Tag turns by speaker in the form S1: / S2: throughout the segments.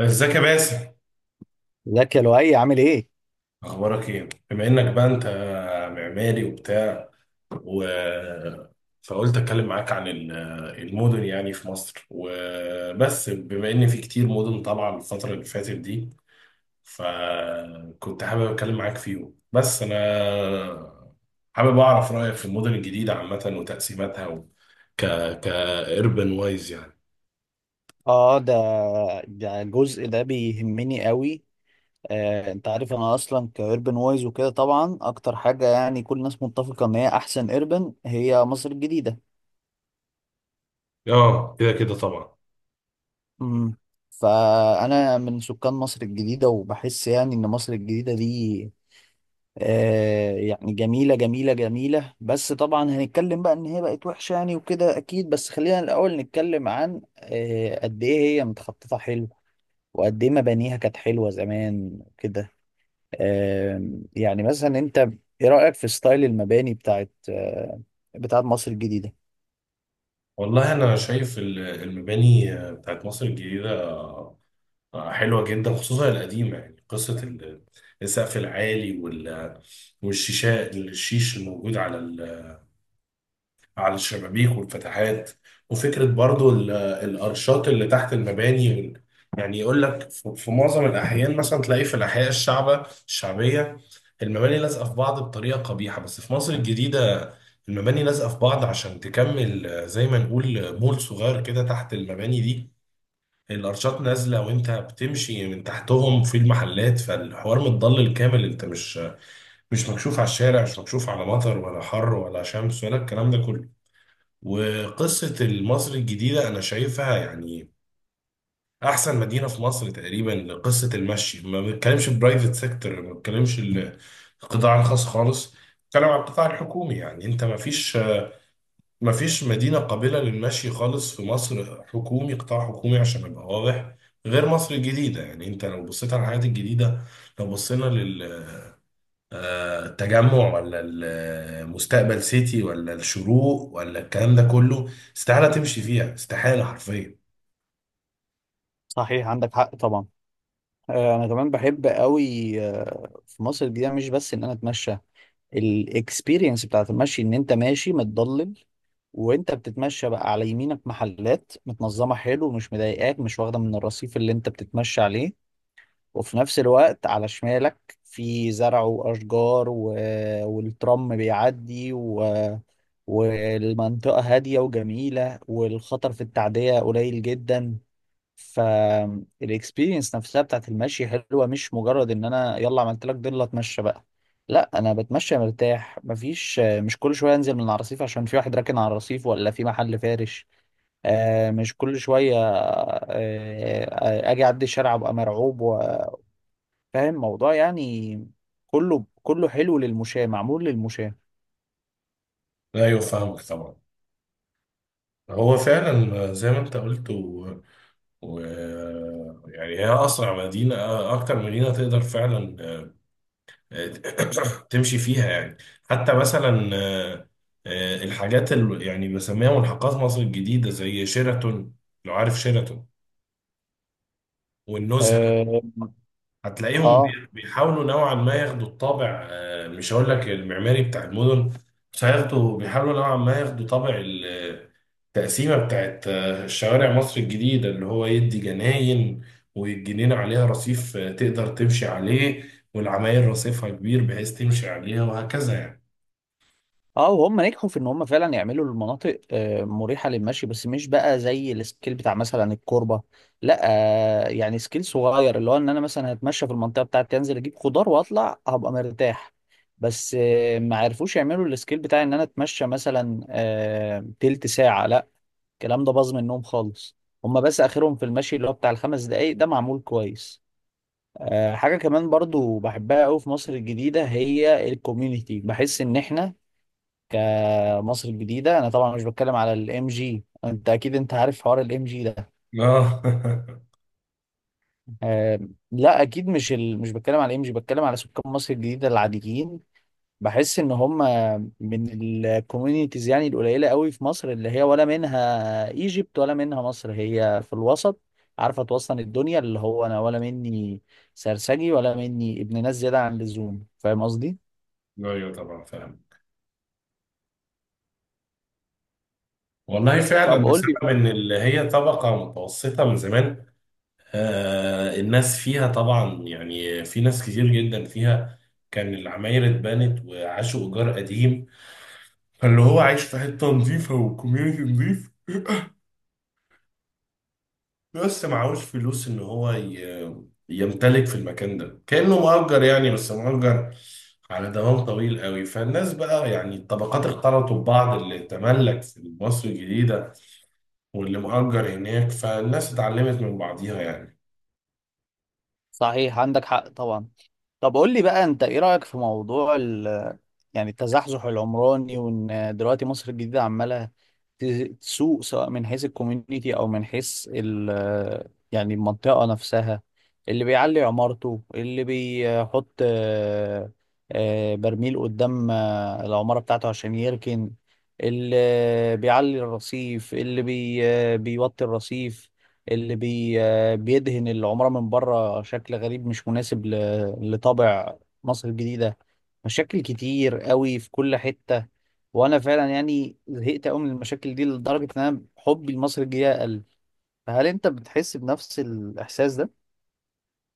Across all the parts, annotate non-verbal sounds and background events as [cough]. S1: ازيك يا باسم.
S2: ازيك يا لؤي، عامل ايه؟
S1: اخبارك ايه بما انك بقى انت معماري وبتاع و... فقلت اتكلم معاك عن المدن يعني في مصر وبس بما ان في كتير مدن طالعه الفتره اللي فاتت دي، فكنت حابب اتكلم معاك فيهم، بس انا حابب اعرف رايك في المدن الجديده عامه وتقسيماتها و... ك ك اربن وايز يعني.
S2: اه، ده الجزء ده بيهمني قوي. انت عارف انا اصلا كايربن وايز وكده، طبعا اكتر حاجه يعني كل الناس متفقه ان هي احسن ايربن هي مصر الجديده.
S1: اه، كده كده طبعا.
S2: امم فانا من سكان مصر الجديده وبحس يعني ان مصر الجديده دي يعني جميله جميله جميله، بس طبعا هنتكلم بقى ان هي بقت وحشه يعني وكده اكيد، بس خلينا الاول نتكلم عن قد ايه هي متخططه حلو وقد ايه مبانيها كانت حلوه زمان كده. يعني مثلا انت ايه رايك في ستايل المباني بتاعت مصر الجديده؟
S1: والله انا شايف المباني بتاعت مصر الجديده حلوة جدا، خصوصا القديمة، يعني قصة السقف العالي والشيشة، الشيش الموجود على على الشبابيك والفتحات، وفكرة برضو الأرشات اللي تحت المباني. يعني يقول لك في معظم الأحيان مثلا تلاقي في الأحياء الشعبية المباني لازقة في بعض بطريقة قبيحة، بس في مصر الجديدة المباني لازقة في بعض عشان تكمل، زي ما نقول مول صغير كده تحت المباني دي. الارشات نازله وانت بتمشي من تحتهم في المحلات، فالحوار متضلل كامل، انت مش مكشوف على الشارع، مش مكشوف على مطر ولا حر ولا شمس ولا الكلام ده كله. وقصه مصر الجديده انا شايفها يعني احسن مدينه في مصر تقريبا لقصه المشي. ما بنتكلمش البرايفت سيكتور، ما بنتكلمش القطاع الخاص خالص، بنتكلم على القطاع الحكومي. يعني انت ما فيش مفيش مدينة قابلة للمشي خالص في مصر، حكومي، قطاع حكومي عشان أبقى واضح، غير مصر الجديدة. يعني أنت لو بصيت على الحاجات الجديدة، لو بصينا للتجمع ولا المستقبل سيتي ولا الشروق ولا الكلام ده كله، استحالة تمشي فيها، استحالة حرفيا.
S2: صحيح، عندك حق طبعا. انا كمان بحب قوي في مصر الجديده، مش بس ان انا اتمشى. الاكسبيرينس بتاعت المشي ان انت ماشي متضلل، وانت بتتمشى بقى على يمينك محلات متنظمه حلو، مش مضايقاك، مش واخده من الرصيف اللي انت بتتمشى عليه، وفي نفس الوقت على شمالك في زرع وأشجار، و... والترام بيعدي، و... والمنطقة هادية وجميلة، والخطر في التعدية قليل جدا. فالاكسبيرينس نفسها بتاعت المشي حلوة، مش مجرد ان انا يلا عملت لك ضلة اتمشى بقى. لا، انا بتمشى مرتاح، مفيش، مش كل شوية انزل من الرصيف عشان في واحد راكن على الرصيف ولا في محل فارش. مش كل شوية، اجي اعدي الشارع ابقى مرعوب فاهم موضوع يعني. كله كله حلو للمشاة، معمول للمشاة.
S1: أيوة فاهمك طبعا. هو فعلا زي ما أنت قلت و... يعني هي أسرع مدينة، أكتر مدينة تقدر فعلا [coughs] تمشي فيها يعني. حتى مثلا الحاجات اللي يعني بسميها ملحقات مصر الجديدة زي شيراتون، لو عارف شيراتون، والنزهة،
S2: اه،
S1: هتلاقيهم
S2: اه،
S1: بيحاولوا نوعا ما ياخدوا الطابع، مش هقول لك المعماري بتاع المدن، بس هياخدوا، بيحاولوا نوعا ما ياخدوا طابع التقسيمة بتاعت شوارع مصر الجديدة، اللي هو يدي جناين والجنينة عليها رصيف، تقدر تمشي عليه، والعماير رصيفها كبير بحيث تمشي عليها وهكذا يعني.
S2: اه. وهم نجحوا في ان هم فعلا يعملوا المناطق مريحة للمشي، بس مش بقى زي السكيل بتاع مثلا الكوربة. لا، يعني سكيل صغير، اللي هو ان انا مثلا هتمشى في المنطقة بتاعتي انزل اجيب خضار واطلع هبقى مرتاح. بس ما عرفوش يعملوا السكيل بتاع ان انا اتمشى مثلا تلت ساعة، لا، الكلام ده باظ منهم خالص. هم بس اخرهم في المشي اللي هو بتاع ال 5 دقايق ده معمول كويس. حاجة كمان برضو بحبها قوي في مصر الجديدة، هي الكوميونيتي. بحس ان احنا كمصر الجديدة، انا طبعا مش بتكلم على الام جي، انت اكيد انت عارف حوار الام جي ده.
S1: اه.
S2: آه، لا اكيد، مش بتكلم على الام جي، بتكلم على سكان مصر الجديدة العاديين. بحس ان هم من الكوميونيتيز يعني القليلة قوي في مصر، اللي هي ولا منها ايجيبت ولا منها مصر، هي في الوسط، عارفة توصل الدنيا اللي هو انا ولا مني سرسجي ولا مني ابن ناس زيادة عن اللزوم، فاهم قصدي؟
S1: [laughs] ايوه طبعا فاهم. والله
S2: طب
S1: فعلا
S2: قول
S1: بسبب
S2: لي.
S1: ان اللي هي طبقه متوسطه من زمان، آه الناس فيها طبعا، يعني في ناس كتير جدا فيها كان العماير اتبنت وعاشوا ايجار قديم، فاللي هو عايش في حته نظيفه وكوميونتي نظيف [laughs] بس معهوش فلوس ان يمتلك في المكان ده، كانه مؤجر، يعني بس مؤجر على دوام طويل قوي. فالناس بقى يعني الطبقات اختلطوا ببعض، اللي تملك في مصر الجديده واللي مأجر هناك، فالناس اتعلمت من بعضيها يعني.
S2: صحيح، عندك حق طبعا. طب قول لي بقى، انت ايه رأيك في موضوع ال، يعني التزحزح العمراني، وان دلوقتي مصر الجديدة عمالة ت- تسوق، سواء من حيث الكوميونيتي او من حيث ال، يعني المنطقة نفسها. اللي بيعلي عمارته، اللي بيحط برميل قدام العمارة بتاعته عشان يركن، اللي بيعلي الرصيف، اللي بي آه، بيوطي الرصيف، اللي بي آه، بيدهن العمارة من بره شكل غريب مش مناسب لطابع مصر الجديدة. مشاكل كتير قوي في كل حتة، وانا فعلا يعني زهقت قوي من المشاكل دي لدرجة ان انا حبي لمصر الجديدة قل. فهل انت بتحس بنفس الاحساس ده؟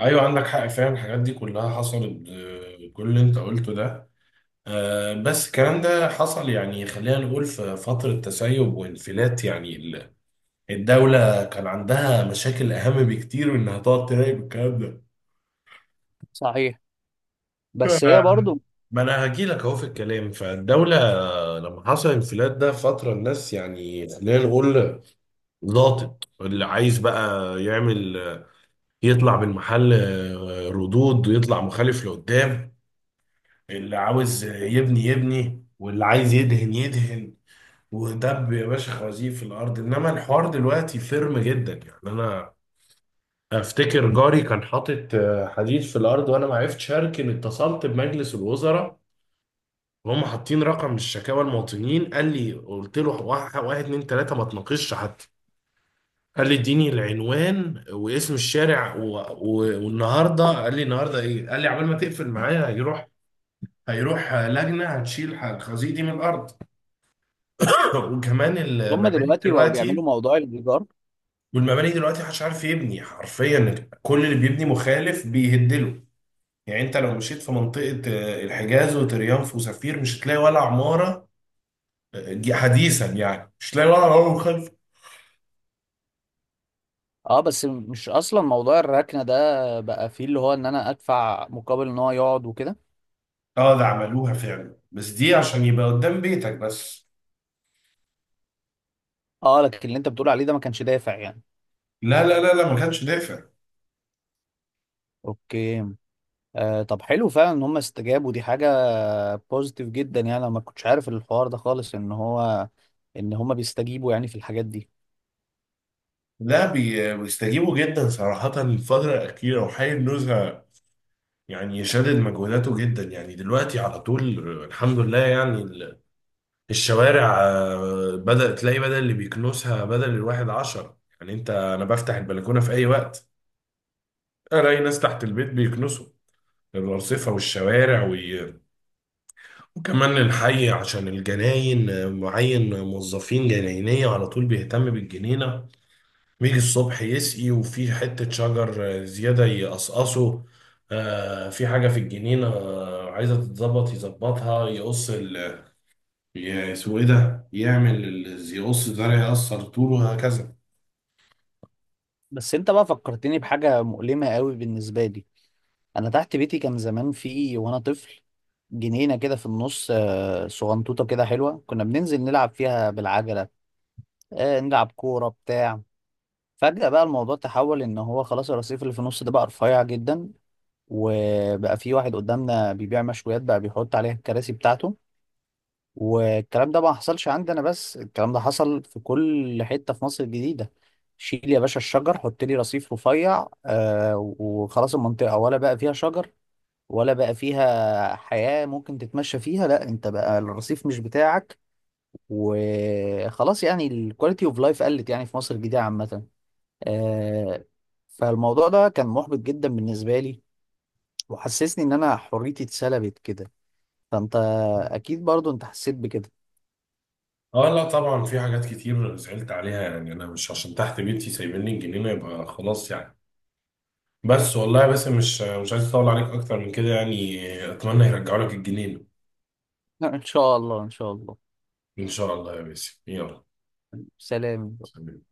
S1: ايوه عندك حق فعلا، الحاجات دي كلها حصلت، كل اللي انت قلته ده، بس الكلام ده حصل يعني، خلينا نقول، في فترة تسيب وانفلات، يعني الدولة كان عندها مشاكل أهم بكتير من إنها تقعد تراقب الكلام ده.
S2: صحيح. بس هي
S1: آه،
S2: برضو.
S1: ما انا هجيلك اهو في الكلام. فالدولة لما حصل الانفلات ده فترة، الناس يعني خلينا نقول لاطت، اللي عايز بقى يعمل يطلع بالمحل ردود ويطلع مخالف لقدام، اللي عاوز يبني يبني، واللي عايز يدهن يدهن، ودب يا باشا خوازيق في الارض. انما الحوار دلوقتي فيرم جدا، يعني انا افتكر جاري كان حاطط حديد في الارض وانا ما عرفتش اركن، اتصلت بمجلس الوزراء وهم حاطين رقم الشكاوى المواطنين، قال لي، قلت له واحد واحد اتنين تلاته ما تناقشش حتى، قال لي اديني العنوان واسم الشارع والنهارده، قال لي النهارده ايه، قال لي عبال ما تقفل معايا هيروح، هيروح لجنه هتشيل الخزيق دي من الارض. [clears throat] [laughs] وكمان
S2: هم
S1: المباني
S2: دلوقتي بقوا
S1: دلوقتي،
S2: بيعملوا موضوع الايجار.
S1: والمباني دلوقتي محدش عارف يبني حرفيا، كل اللي بيبني مخالف بيهدله. يعني انت لو مشيت في منطقه، الحجاز وتريانف وسفير، مش هتلاقي ولا عماره حديثا، يعني مش هتلاقي ولا عماره مخالفه.
S2: اه، بس مش اصلا موضوع الركنه ده بقى فيه اللي هو ان انا ادفع مقابل ان هو يقعد وكده.
S1: اه ده عملوها فعلا، بس دي عشان يبقى قدام بيتك بس.
S2: اه، لكن اللي انت بتقول عليه ده ما كانش دافع يعني.
S1: لا لا لا لا، ما كانش دافع.
S2: اوكي. طب حلو فعلا ان هم استجابوا، دي حاجة بوزيتيف جدا. يعني انا ما كنتش عارف الحوار ده خالص ان هم بيستجيبوا يعني في الحاجات دي.
S1: لا، بيستجيبوا جدا صراحة الفترة الأخيرة، وحي النزهة يعني شادد مجهوداته جدا يعني دلوقتي على طول. الحمد لله يعني الشوارع، بدأت تلاقي بدل اللي بيكنسها بدل الواحد عشرة، يعني أنت أنا بفتح البلكونة في أي وقت ألاقي ناس تحت البيت بيكنسوا الأرصفة والشوارع وكمان الحي عشان الجناين، معين موظفين جناينية على طول بيهتم بالجنينة، بيجي الصبح يسقي وفي حتة شجر زيادة يقصقصه، في حاجة في الجنينة عايزة تتظبط يظبطها، يقص ال اسمه ايه ده، يعمل يقص زرع يقصر طوله وهكذا.
S2: بس انت بقى فكرتني بحاجة مؤلمة قوي بالنسبة لي. انا تحت بيتي كان زمان، في وانا طفل، جنينة كده في النص، صغنطوطة كده حلوة، كنا بننزل نلعب فيها بالعجلة، نلعب كورة بتاع. فجأة بقى الموضوع تحول ان هو خلاص الرصيف اللي في النص ده بقى رفيع جدا، وبقى في واحد قدامنا بيبيع مشويات بقى بيحط عليها الكراسي بتاعته. والكلام ده ما حصلش عندي انا بس، الكلام ده حصل في كل حتة في مصر الجديدة. شيل يا باشا الشجر، حط لي رصيف رفيع وخلاص المنطقة، ولا بقى فيها شجر ولا بقى فيها حياة ممكن تتمشى فيها. لا، انت بقى الرصيف مش بتاعك وخلاص، يعني الكواليتي اوف لايف قلت يعني في مصر الجديدة عامة. آه فالموضوع ده كان محبط جدا بالنسبة لي، وحسسني ان انا حريتي اتسلبت كده. فانت اكيد برضو انت حسيت بكده.
S1: اه لا طبعا، في حاجات كتير زعلت عليها، يعني انا مش عشان تحت بيتي سايبين لي الجنينة يبقى خلاص يعني. بس والله، بس مش عايز اطول عليك اكتر من كده يعني، اتمنى يرجعوا لك الجنينة.
S2: [laughs] ان شاء الله، ان شاء الله.
S1: ان شاء الله يا باسم، يلا
S2: سلام
S1: سلام.